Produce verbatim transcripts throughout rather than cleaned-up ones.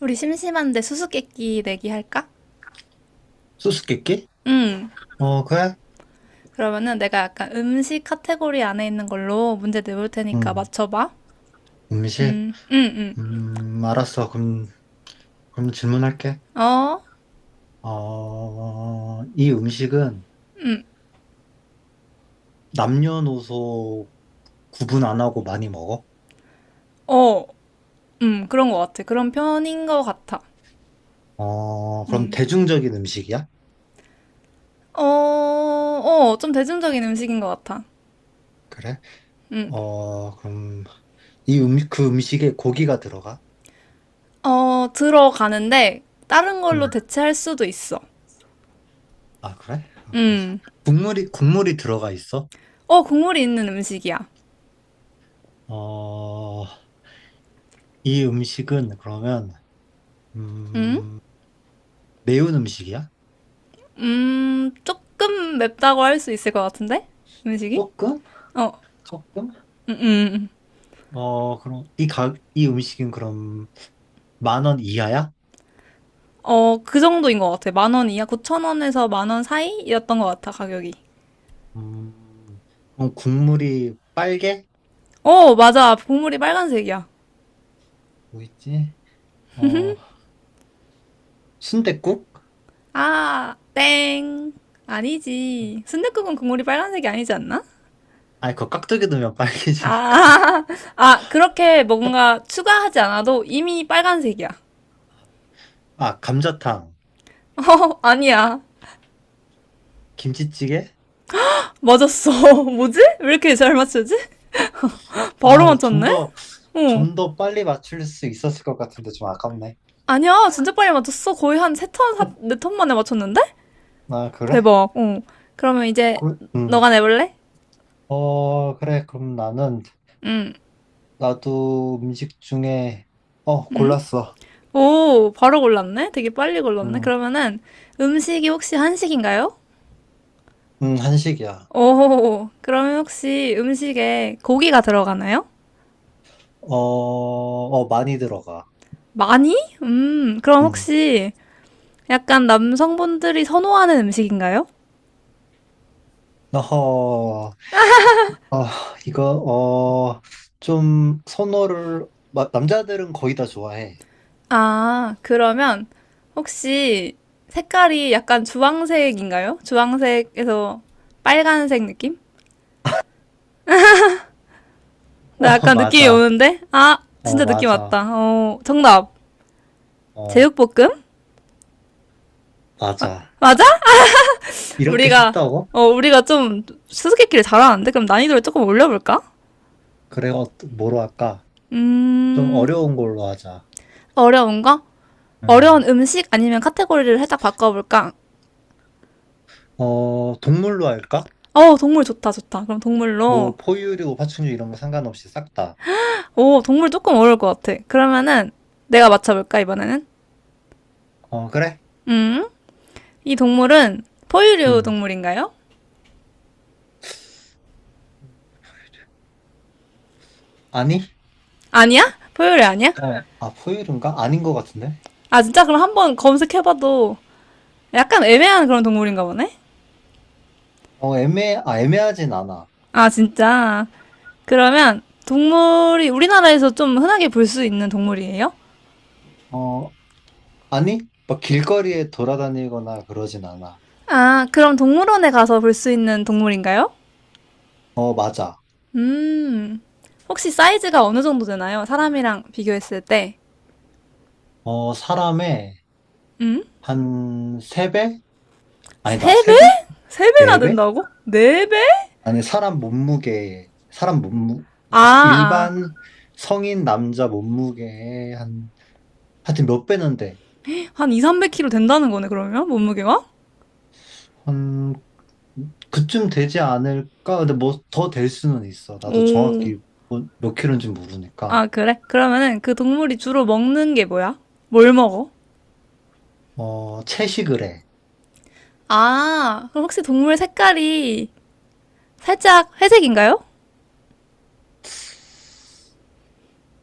우리 심심한데 수수께끼 내기 할까? 수수께끼? 응. 어, 그래? 그러면은 내가 약간 음식 카테고리 안에 있는 걸로 문제 내볼 테니까 음, 맞춰봐. 음식? 음, 음, 음. 음, 알았어. 그럼, 그럼 질문할게. 어, 어, 이 음식은 남녀노소 구분 안 하고 많이 먹어? 어, 음, 그런 것 같아. 그런 편인 것 같아. 어, 그럼 음. 대중적인 음식이야? 어, 어, 좀 대중적인 음식인 것 같아. 그래? 음. 어, 그럼 이 음, 그 음식에 고기가 들어가? 어, 들어가는데 다른 응. 걸로 대체할 수도 있어. 아, 그래? 아, 뭐지? 음. 국물이, 국물이 들어가 있어? 어, 국물이 있는 음식이야. 어, 이 음식은 그러면, 음? 음, 매운 음식이야? 음, 조금 맵다고 할 수 있을 것 같은데? 음식이? 조금? 어, 조금? 음, 음. 어, 그럼 이 가, 이 음식은 그럼 만 원 이하야? 어, 그 정도인 것 같아. 만원 이하 구천 원에서 만원 사이였던 것 같아, 가격이. 음, 그럼 국물이 빨개? 어, 맞아. 국물이 빨간색이야. 뭐 있지? 어, 순댓국? 아, 땡. 아니지. 순댓국은 국물이 빨간색이 아니지 않나? 아니, 그거 깍두기 넣으면 빨개지니까. 아, 아, 그렇게 뭔가 추가하지 않아도 이미 빨간색이야. 아, 감자탕, 어, 아니야. 김치찌개? 맞았어. 뭐지? 왜 이렇게 잘 맞추지? 바로 아, 좀 맞췄네? 더, 어. 좀 더 빨리 맞출 수 있었을 것 같은데 좀 아깝네. 아니야, 진짜 빨리 맞췄어. 거의 한 세턴 네, 네턴 만에 맞췄는데? 아, 그래? 대박. 어. 그러면 이제 그, 음. 너가 내볼래? 어, 그래. 그럼 나는, 응. 나도 음식 중에, 어, 골랐어. 오, 바로 골랐네? 되게 빨리 골랐네? 음, 그러면은 음식이 혹시 한식인가요? 음, 한식이야. 오, 그러면 혹시 음식에 고기가 들어가나요? 어, 어, 많이 들어가. 많이? 음, 그럼 음. 혹시 약간 남성분들이 선호하는 음식인가요? 어허, 아, 이거, 어, 좀, 선호를, 마- 남자들은 거의 다 좋아해. 아, 그러면 혹시 색깔이 약간 주황색인가요? 주황색에서 빨간색 느낌? 나 어, 약간 느낌이 맞아. 오는데? 아, 어, 진짜 느낌 맞아. 왔다. 어, 정답. 어, 제육볶음? 맞아. 맞아. 이렇게 우리가 쉽다고? 어 우리가 좀 수수께끼를 잘하는데 그럼 난이도를 조금 올려볼까? 그래, 어, 뭐로 할까? 좀 음. 어려운 걸로 하자. 어려운 거? 어려운 음. 음식 아니면 카테고리를 살짝 바꿔볼까? 어, 동물로 할까? 어, 동물 좋다 좋다. 그럼 동물로. 뭐, 포유류, 파충류 이런 거 상관없이 싹 다. 오, 동물 조금 어려울 것 같아. 그러면은 내가 맞춰볼까 이번에는? 어, 그래? 음이 동물은 포유류 음. 동물인가요? 아니? 아니야? 포유류 아니야? 어, 아, 포유류인가? 아닌 것 같은데? 아, 진짜? 그럼 한번 검색해봐도 약간 애매한 그런 동물인가 보네? 어, 애매, 아, 애매하진 않아. 아, 진짜? 그러면 동물이 우리나라에서 좀 흔하게 볼 수 있는 동물이에요? 어, 아니, 막 길거리에 돌아다니거나 그러진 않아. 아, 그럼 동물원에 가서 볼 수 있는 동물인가요? 어, 맞아. 음, 혹시 사이즈가 어느 정도 되나요? 사람이랑 비교했을 때. 어, 사람의 음? 한 세배. 아니다, 세배네배 세배세배나 된다고? 네배. 아니, 사람 몸무게, 사람 몸무, 아, 그러니까 아. 일반 성인 남자 몸무게의 한, 하여튼 몇 배는 돼. 한 이백, 삼백 킬로그램 된다는 거네, 그러면? 몸무게가? 한, 그쯤 되지 않을까? 근데 뭐 더 될 수는 있어. 나도 오. 정확히 뭐- 몇 킬로인지 모르니까. 아, 그래? 그러면은 그 동물이 주로 먹는 게 뭐야? 뭘 먹어? 어, 채식을 해. 아, 그럼 혹시 동물 색깔이 살짝 회색인가요?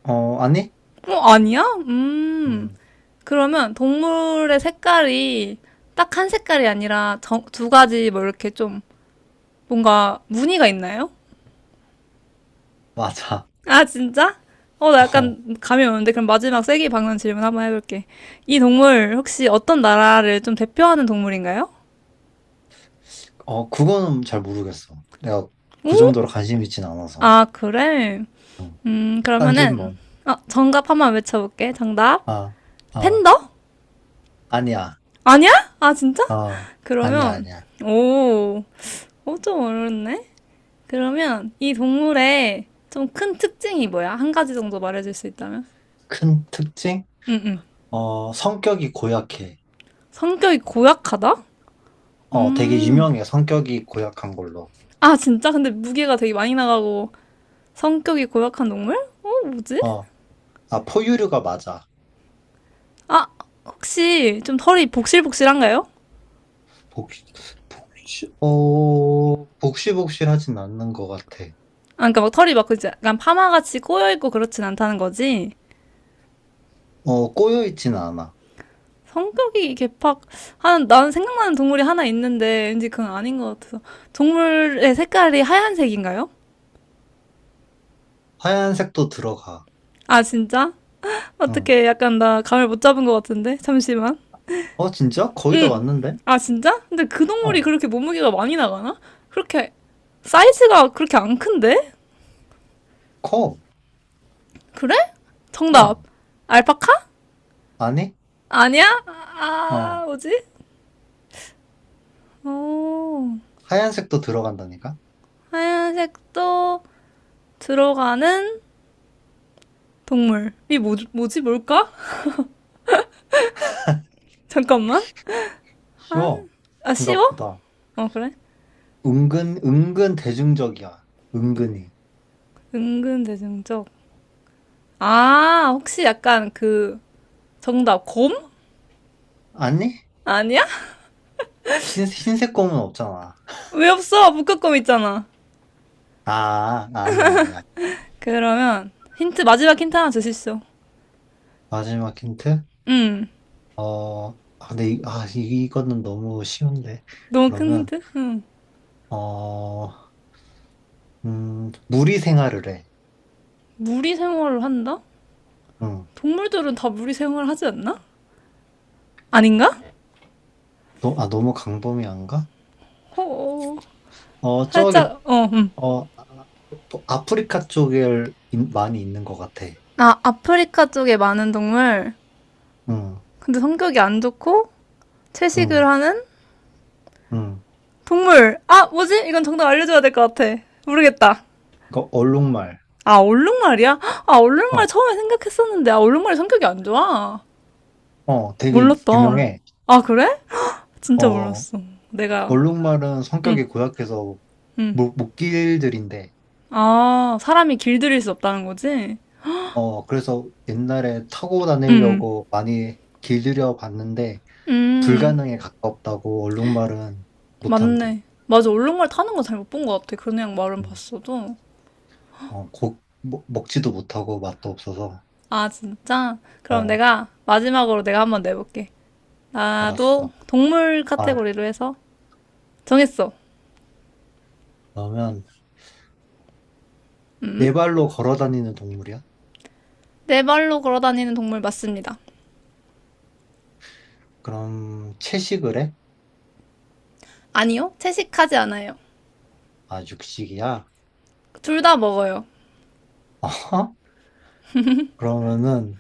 어, 아니? 어, 아니야? 음. 음, 그러면 동물의 색깔이 딱 한 색깔이 아니라 정- 두 가지 뭐 이렇게 좀 뭔가 무늬가 있나요? 맞아. 아, 진짜? 어, 나 어. 약간 감이 오는데 그럼 마지막 세기 박는 질문 한번 해볼게. 이 동물 혹시 어떤 나라를 좀 대표하는 동물인가요? 어, 그거는 잘 모르겠어. 내가 그 정도로 관심 있진 않아서. 아, 그래? 음, 딴 그러면은 질문. 어, 정답 한번 외쳐볼게. 정답. 아, 아, 팬더? 아니야. 아니야? 아, 진짜? 어, 아니야, 그러면 아니야. 오, 어, 좀 어렵네. 그러면 이 동물의 좀 큰 특징이 뭐야? 한 가지 정도 말해줄 수 있다면? 큰 특징? 응, 응. 어, 성격이 고약해. 성격이 고약하다? 어, 되게 음. 유명해. 성격이 고약한 걸로. 아, 진짜? 근데 무게가 되게 많이 나가고 성격이 고약한 동물? 어, 뭐지? 어, 아, 포유류가 맞아. 아, 혹시 좀 털이 복실복실한가요? 복시, 복시, 어, 복실복실하진 않는 것 같아. 아, 그러니까 막 털이 막 그지? 약간 파마같이 꼬여있고 그렇진 않다는 거지? 어, 꼬여있진 않아. 성격이 개팍, 한, 나는 생각나는 동물이 하나 있는데 왠지 그건 아닌 것 같아서. 동물의 색깔이 하얀색인가요? 하얀색도 들어가. 아, 진짜? 응. 어떻게 약간 나 감을 못 잡은 것 같은데 잠시만. 어, 진짜? 거의 다 왔는데? 아, 진짜? 근데 그 동물이 어, 그렇게 몸무게가 많이 나가나? 그렇게 사이즈가 그렇게 안 큰데? 커. 그래? 정답. 어, 알파카? 아니? 아니야? 아, 어. 아, 뭐지? 오. 하얀색도 들어간다니까? 하얀색도 들어가는 동물이 뭐, 뭐지 뭘까? 잠깐만. 쉬워. 아, 쉬워? 생각보다. 어, 그래? 은근, 은근 대중적이야. 은근히. 은근 대중적. 아, 혹시 약간 그 정답 곰? 아니? 아니야? 흰, 흰색 검은 없잖아. 왜 없어? 북극곰 있잖아. 아, 아니야, 아니야. 그러면 힌트. 마지막 힌트 하나 주십시오. 마지막 힌트? 음, 어, 아, 근데, 이, 아, 이- 이거는 너무 쉬운데. 너무 큰 그러면, 힌트? 음, 어, 음, 무리 생활을 해. 무리 생활을 한다? 응. 동물들은 다 무리 생활을 하지 않나? 아닌가? 너, 아, 너무 강범위한가? 어, 어, 저기, 살짝 어, 음. 어, 아, 아프리카 쪽에 많이 있는 것 같아. 아, 아프리카 쪽에 많은 동물. 응, 근데 성격이 안 좋고 채식을 응, 하는 응. 동물. 아, 뭐지? 이건 정답 알려줘야 될 것 같아. 모르겠다. 이거 얼룩말. 아, 얼룩말이야? 아, 얼룩말 어. 처음에 생각했었는데, 아, 얼룩말이 성격이 안 좋아. 어, 되게 몰랐다. 유명해. 아, 그래? 진짜 어, 몰랐어. 내가, 얼룩말은 응, 성격이 고약해서 응. 목, 목길들인데, 아, 사람이 길들일 수 없다는 거지? 어, 그래서 옛날에 타고 음. 다니려고 많이 길들여 봤는데, 음. 불가능에 가깝다고 얼룩말은 못한대. 맞네. 맞아, 얼룩말 타는 거 잘 못 본 것 같아. 그냥 말은 음, 봤어도. 어, 고, 먹, 먹지도 못하고 맛도 없어서, 아, 진짜? 그럼 어, 내가 마지막으로 내가 한번 내볼게. 나도 알았어. 동물 아, 카테고리로 해서 정했어. 그러면 네 발로 걸어 다니는 동물이야? 네 발로 걸어 다니는 동물 맞습니다. 그럼 채식을 해? 아니요, 채식하지 않아요. 아, 육식이야? 둘 다 먹어요. 어허? 그러면은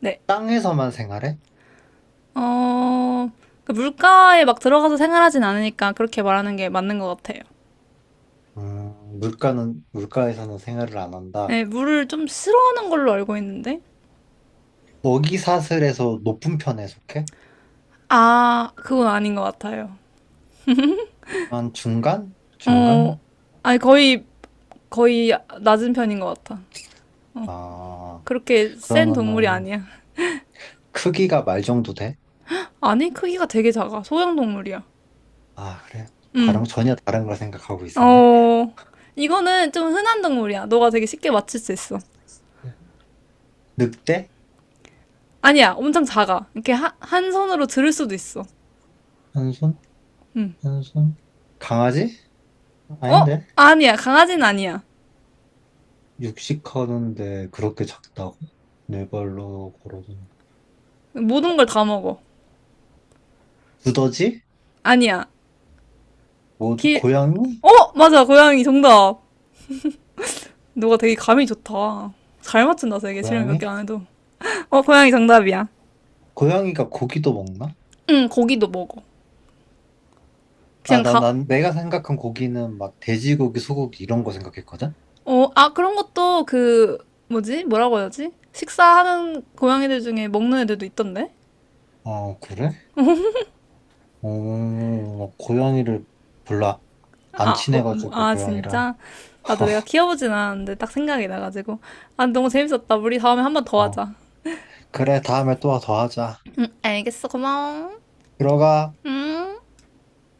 네. 땅에서만 생활해? 어, 그 물가에 막 들어가서 생활하진 않으니까 그렇게 말하는 게 맞는 것 같아요. 음, 물가는, 물가에서는 생활을 안 한다. 네, 물을 좀 싫어하는 걸로 알고 있는데. 먹이 사슬에서 높은 편에 속해? 아, 그건 아닌 것 같아요. 한 중간? 어, 중간? 아니, 거의, 거의 낮은 편인 것 같아. 아, 그렇게 센 동물이 그러면은 아니야. 크기가 말 정도 돼? 아니, 크기가 되게 작아. 소형 동물이야. 아, 그래. 응. 다른, 전혀 다른 걸 생각하고 있었네. 어, 이거는 좀 흔한 동물이야. 너가 되게 쉽게 맞출 수 있어. 늑대? 아니야, 엄청 작아. 이렇게 하, 한 손으로 들을 수도 있어. 한 손? 한 손? 강아지? 어? 아닌데? 아니야, 강아지는 아니야. 육식 하는데 그렇게 작다고? 네 발로 걸어다니. 모든 걸 다 먹어. 두더지? 아니야. 뭐, 길, 고양이? 어? 맞아, 고양이 정답. 너가 되게 감이 좋다. 잘 맞춘다, 되게. 질문 몇 고양이? 개 안 해도. 어, 고양이 정답이야. 고양이가 고기도 먹나? 응, 고기도 먹어. 아, 그냥 나, 다, 난 내가 생각한 고기는 막 돼지고기, 소고기 이런 거 생각했거든? 어, 아, 그런 것도 그, 뭐지? 뭐라고 해야지? 식사하는 고양이들 중에 먹는 애들도 있던데? 어, 그래? 어, 고양이를 별로 안 아, 뭐, 뭐, 친해가지고, 아, 고양이랑. 진짜? 나도 내가 키워보진 않았는데 딱 생각이 나가지고. 아, 너무 재밌었다. 우리 다음에 한 번 더 어, 하자. 그래, 다음에 또 더 하자. 알겠어. 고마워. 들어가. 음.